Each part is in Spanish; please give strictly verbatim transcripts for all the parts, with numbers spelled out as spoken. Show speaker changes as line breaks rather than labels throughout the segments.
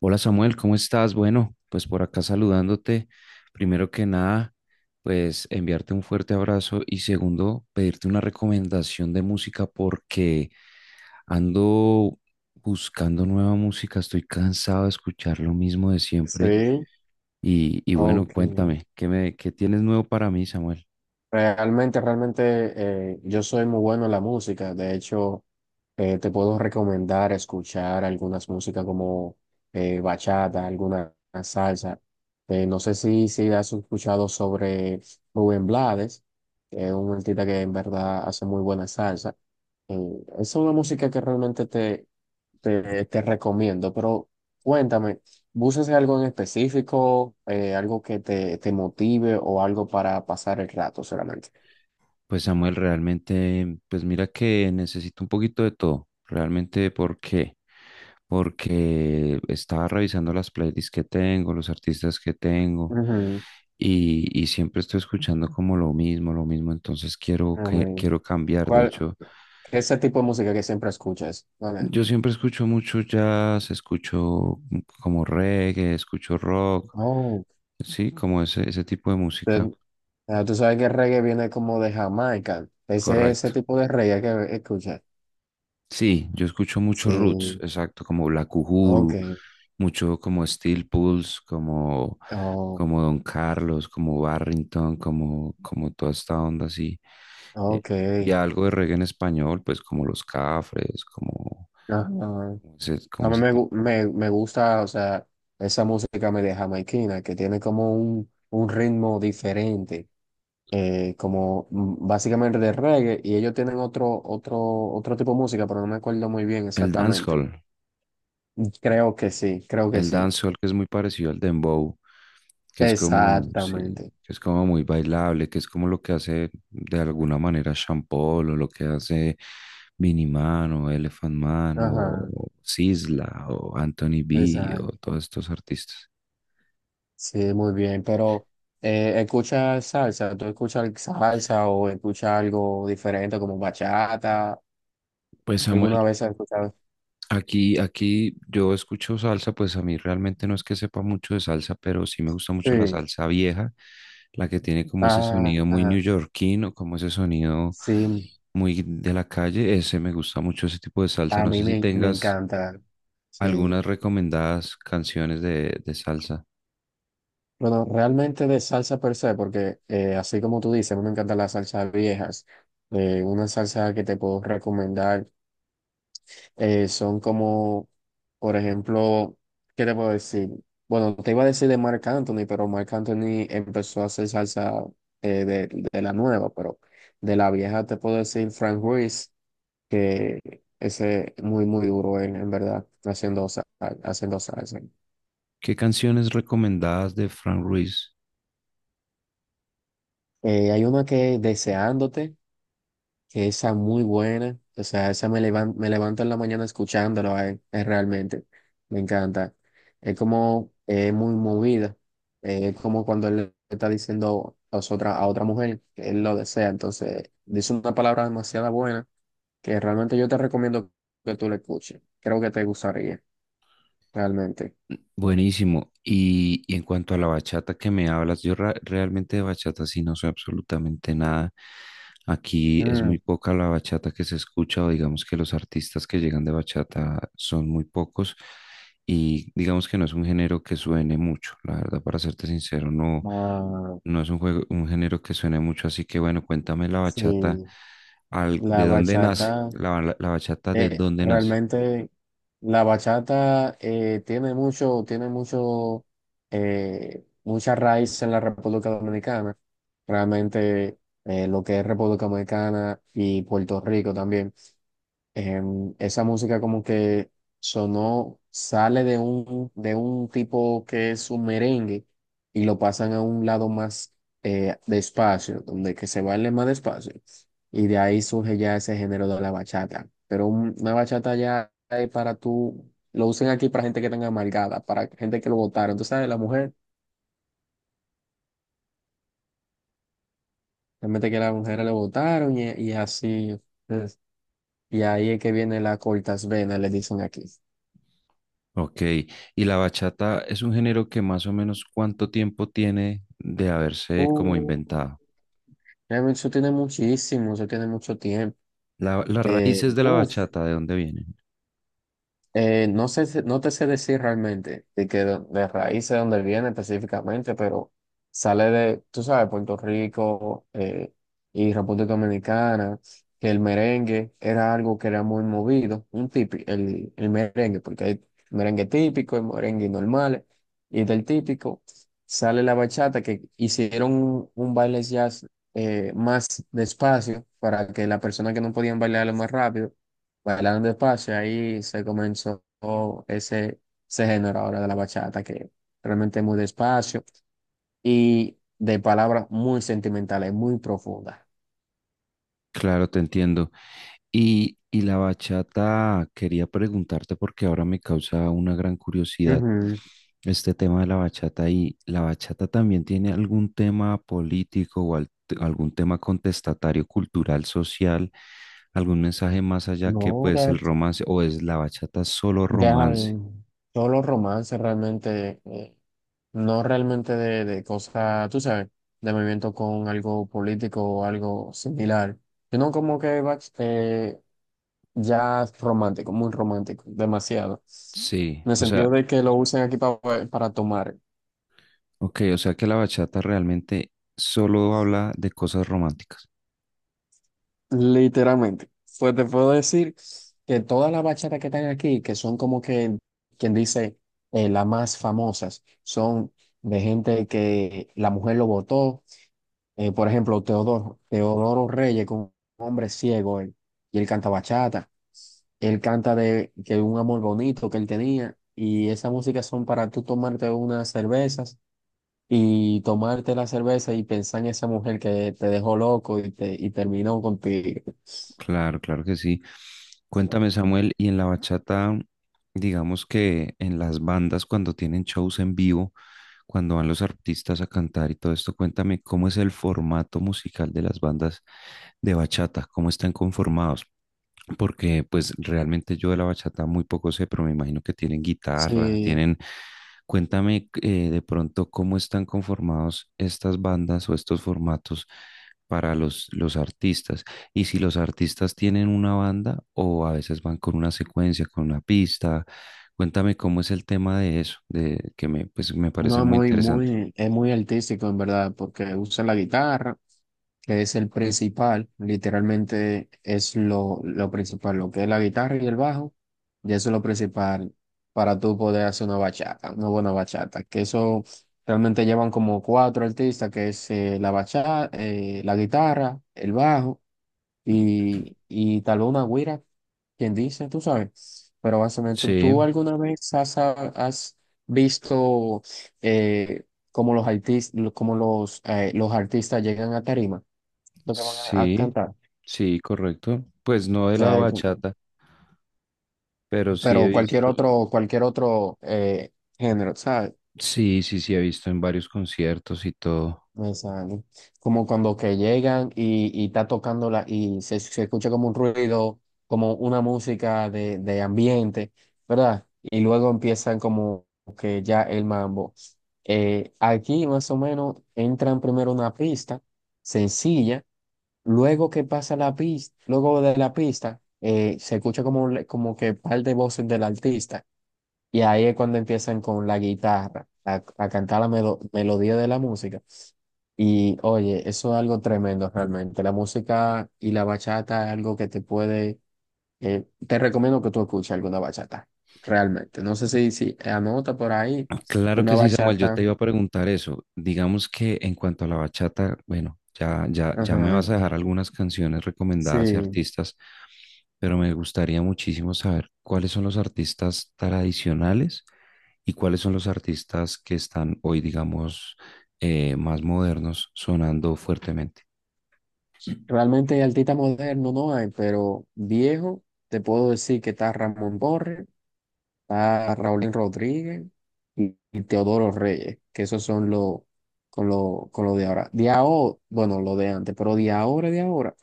Hola Samuel, ¿cómo estás? Bueno, pues por acá saludándote. Primero que nada, pues enviarte un fuerte abrazo y segundo, pedirte una recomendación de música porque ando buscando nueva música, estoy cansado de escuchar lo mismo de siempre
Sí,
y, y bueno,
ok.
cuéntame, ¿qué me, qué tienes nuevo para mí, Samuel?
Realmente, realmente eh, yo soy muy bueno en la música. De hecho, eh, te puedo recomendar escuchar algunas músicas como eh, bachata, alguna salsa. Eh, no sé si, si has escuchado sobre Rubén Blades, que es un artista que en verdad hace muy buena salsa. Mm, es una música que realmente te, te, te recomiendo, pero cuéntame, ¿buscas algo en específico, eh, algo que te, te motive o algo para pasar el rato solamente?
Pues Samuel, realmente, pues mira que necesito un poquito de todo, realmente porque, porque estaba revisando las playlists que tengo, los artistas que tengo,
Ujú,
y, y siempre estoy escuchando como lo mismo, lo mismo, entonces quiero, que,
amén.
quiero cambiar. De
¿Cuál,
hecho,
ese tipo de música que siempre escuchas? ¿Cuál es?
yo siempre escucho mucho jazz, escucho como reggae, escucho rock,
Oh,
sí, como ese, ese tipo de música,
te- ah, tú sabes que el reggae viene como de Jamaica, ese, ese
correcto.
tipo de reggae que escuchas.
Sí, yo escucho mucho roots,
Sí,
exacto, como Black
ok,
Uhuru, mucho como Steel Pulse, como,
oh,
como Don Carlos, como Barrington, como, como toda esta onda así. Eh,
ok,
y algo de reggae en español, pues como Los Cafres, como,
ajá.
como ese,
A
como
mí
ese
me,
tipo.
gu- me, me gusta, o sea, esa música media jamaiquina que tiene como un, un ritmo diferente, eh, como mm, básicamente de reggae, y ellos tienen otro, otro, otro tipo de música, pero no me acuerdo muy bien
El
exactamente.
dancehall.
Creo que sí, creo que
El
sí.
dancehall que es muy parecido al dembow, que es como, sí,
Exactamente.
que es como muy bailable, que es como lo que hace de alguna manera Sean Paul, o lo que hace Miniman o Elephant Man
Ajá,
o Sisla o Anthony B o
exacto.
todos estos artistas.
Sí, muy bien, pero eh, escucha salsa, ¿tú escuchas salsa o escuchas algo diferente como bachata?
Pues Samuel,
¿Alguna vez has escuchado?
Aquí, aquí yo escucho salsa, pues a mí realmente no es que sepa mucho de salsa, pero sí me gusta mucho la
Sí.
salsa vieja, la que tiene como ese
Ah,
sonido muy
ah,
neoyorquino, como ese sonido
sí,
muy de la calle. Ese me gusta mucho ese tipo de salsa.
a
No
mí
sé si
me, me
tengas
encanta. Sí.
algunas recomendadas canciones de, de salsa.
Bueno, realmente de salsa per se, porque eh, así como tú dices, a mí me encantan las salsas viejas. Eh, una salsa que te puedo recomendar eh, son como, por ejemplo, ¿qué te puedo decir? Bueno, te iba a decir de Marc Anthony, pero Marc Anthony empezó a hacer salsa eh, de, de la nueva, pero de la vieja te puedo decir Frank Ruiz. Que ese muy, muy duro en, en verdad, haciendo, sa- haciendo salsa.
¿Qué canciones recomendadas de Frank Ruiz?
Eh, hay una que Deseándote, que esa muy buena, o sea, esa me levan- me levanto en la mañana escuchándolo, eh, es realmente, me encanta. Es como eh, muy movida, eh, es como cuando él le está diciendo a, os- otra, a otra mujer que él lo desea, entonces dice una palabra demasiado buena que realmente yo te recomiendo que tú la escuches, creo que te gustaría, realmente.
Buenísimo. Y, y en cuanto a la bachata que me hablas, yo ra- realmente de bachata sí no sé absolutamente nada. Aquí es muy
Mm,
poca la bachata que se escucha o digamos que los artistas que llegan de bachata son muy pocos y digamos que no es un género que suene mucho. La verdad, para serte sincero, no,
ah,
no es un juego, un género que suene mucho. Así que bueno, cuéntame la
sí,
bachata, al,
la
¿de dónde nace?
bachata,
La, la la bachata, ¿de
eh,
dónde nace?
realmente la bachata eh, tiene mucho, tiene mucho, eh, mucha raíz en la República Dominicana. Realmente eh, lo que es República Dominicana y Puerto Rico también em, esa música como que sonó, sale de un, de un tipo que es un merengue y lo pasan a un lado más eh, despacio, donde que se baile más despacio. Y de ahí surge ya ese género de la bachata. Pero un- una bachata ya es para tú, lo usan aquí para gente que tenga amargada, para gente que lo votaron. Tú sabes, la mujer, realmente que las mujeres lo votaron y, y así. Es. Y ahí es que viene la cortas venas, le dicen aquí.
Ok, y la bachata es un género que más o menos cuánto tiempo tiene de haberse como inventado.
Realmente eso tiene muchísimo, eso tiene mucho tiempo.
La- las
Eh,
raíces de la
uf,
bachata, ¿de dónde vienen?
eh, no sé, si- no te sé decir realmente de que de, de raíz de dónde viene específicamente, pero sale de, tú sabes, Puerto Rico eh, y República Dominicana, que el merengue era algo que era muy movido, un típico, el, el merengue, porque hay merengue típico y merengue normal, y del típico sale la bachata, que hicieron un, un baile jazz eh, más despacio para que las personas que no podían bailarlo más rápido bailando despacio, ahí se comenzó ese, ese género ahora de la bachata, que realmente es muy despacio y de palabras muy sentimentales, muy profundas.
Claro, te entiendo. Y, y la bachata, quería preguntarte porque ahora me causa una gran curiosidad
Ujú.
este tema de la bachata, y la bachata también tiene algún tema político o al- algún tema contestatario, cultural, social, algún mensaje más allá que
No,
pues el
de-
romance, o es la bachata solo
deja
romance.
el- todos los romances realmente, eh, no realmente de, de cosas, tú sabes, de movimiento con algo político o algo similar, sino como que va eh, ya es romántico, muy romántico, demasiado.
Sí,
En el
o sea,
sentido de que lo usan aquí pa- para tomar,
ok, o sea que la bachata realmente solo habla de cosas románticas.
literalmente. Pues te puedo decir que todas las bachatas que están aquí, que son como que, quien dice, eh, las más famosas, son de gente que la mujer lo votó. Eh, por ejemplo, Teodoro, Teodoro Reyes, con un hombre ciego, él, y él canta bachata. Él canta de que un amor bonito que él tenía, y esas músicas son para tú tomarte unas cervezas y tomarte la cerveza y pensar en esa mujer que te dejó loco y, te, y terminó contigo.
Claro, claro que sí. Cuéntame, Samuel, y en la bachata, digamos que en las bandas, cuando tienen shows en vivo, cuando van los artistas a cantar y todo esto, cuéntame cómo es el formato musical de las bandas de bachata, cómo están conformados. Porque pues realmente yo de la bachata muy poco sé, pero me imagino que tienen guitarra,
Sí,
tienen... Cuéntame eh, de pronto cómo están conformados estas bandas o estos formatos para los, los artistas. Y si los artistas tienen una banda o a veces van con una secuencia, con una pista, cuéntame cómo es el tema de eso, de que me, pues, me
no,
parece
es
muy
muy,
interesante.
muy, es muy artístico en verdad, porque usa la guitarra, que es el principal, literalmente es lo, lo principal, lo que es la guitarra y el bajo, y eso es lo principal para tú poder hacer una bachata, una buena bachata, que eso realmente llevan como cuatro artistas, que es eh, la bachata, la guitarra, el bajo y, y taluma Guira, quien dice, tú sabes. Pero básicamente, ¿tú,
Sí,
tú alguna vez has, has visto eh, cómo los artistas, cómo los, eh, los artistas llegan a tarima, lo que van a, a
sí,
cantar? O
sí, correcto. Pues no de la
sea,
bachata, pero sí he
pero cualquier
visto,
otro, cualquier otro eh, género, ¿sabes?
sí, sí, sí he visto en varios conciertos y todo.
Exacto. Como cuando que llegan y, y está tocándola y se, se escucha como un ruido, como una música de, de ambiente, ¿verdad? Y luego empiezan como que ya el mambo. Eh, aquí más o menos entran primero una pista sencilla, luego que pasa la pista, luego de la pista, eh, se escucha como, le- como que par de voces del artista. Y ahí es cuando empiezan con la guitarra, a, a cantar la melo- melodía de la música. Y oye, eso es algo tremendo realmente. La música y la bachata es algo que te puede... eh, te recomiendo que tú escuches alguna bachata, realmente. No sé si, si anota por ahí
Claro que
una
sí, Samuel. Yo te
bachata.
iba a preguntar eso. Digamos que en cuanto a la bachata, bueno, ya, ya, ya me vas a
Ajá.
dejar algunas canciones recomendadas y
Sí,
artistas, pero me gustaría muchísimo saber cuáles son los artistas tradicionales y cuáles son los artistas que están hoy, digamos, eh, más modernos, sonando fuertemente.
realmente artista moderno no hay, pero viejo, te puedo decir que está Ramón Borges. Está Raúl Rodríguez y, y Teodoro Reyes, que esos son los con lo, con lo de ahora. De ahora, bueno, lo de antes, pero de ahora, de ahora.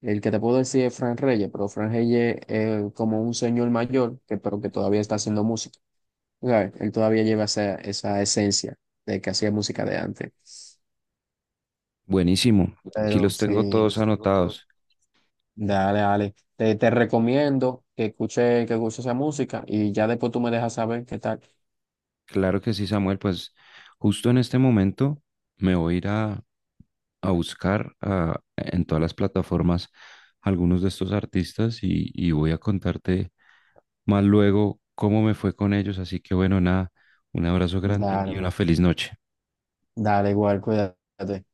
El que te puedo decir es Fran Reyes, pero Fran Reyes es como un señor mayor, que, pero que todavía está haciendo música. ¿Sabes? Él todavía lleva esa, esa esencia de que hacía música de antes.
Buenísimo. Aquí
Pero
los tengo
sí.
todos anotados.
Dale, dale. Te, te recomiendo que escuche, que escuche esa música y ya después tú me dejas saber qué tal.
Claro que sí, Samuel. Pues justo en este momento me voy a ir a a buscar ah, en todas las plataformas algunos de estos artistas, y, y voy a contarte más luego cómo me fue con ellos. Así que bueno, nada, un abrazo grande y una
Dale.
feliz noche.
Dale, igual, cuídate.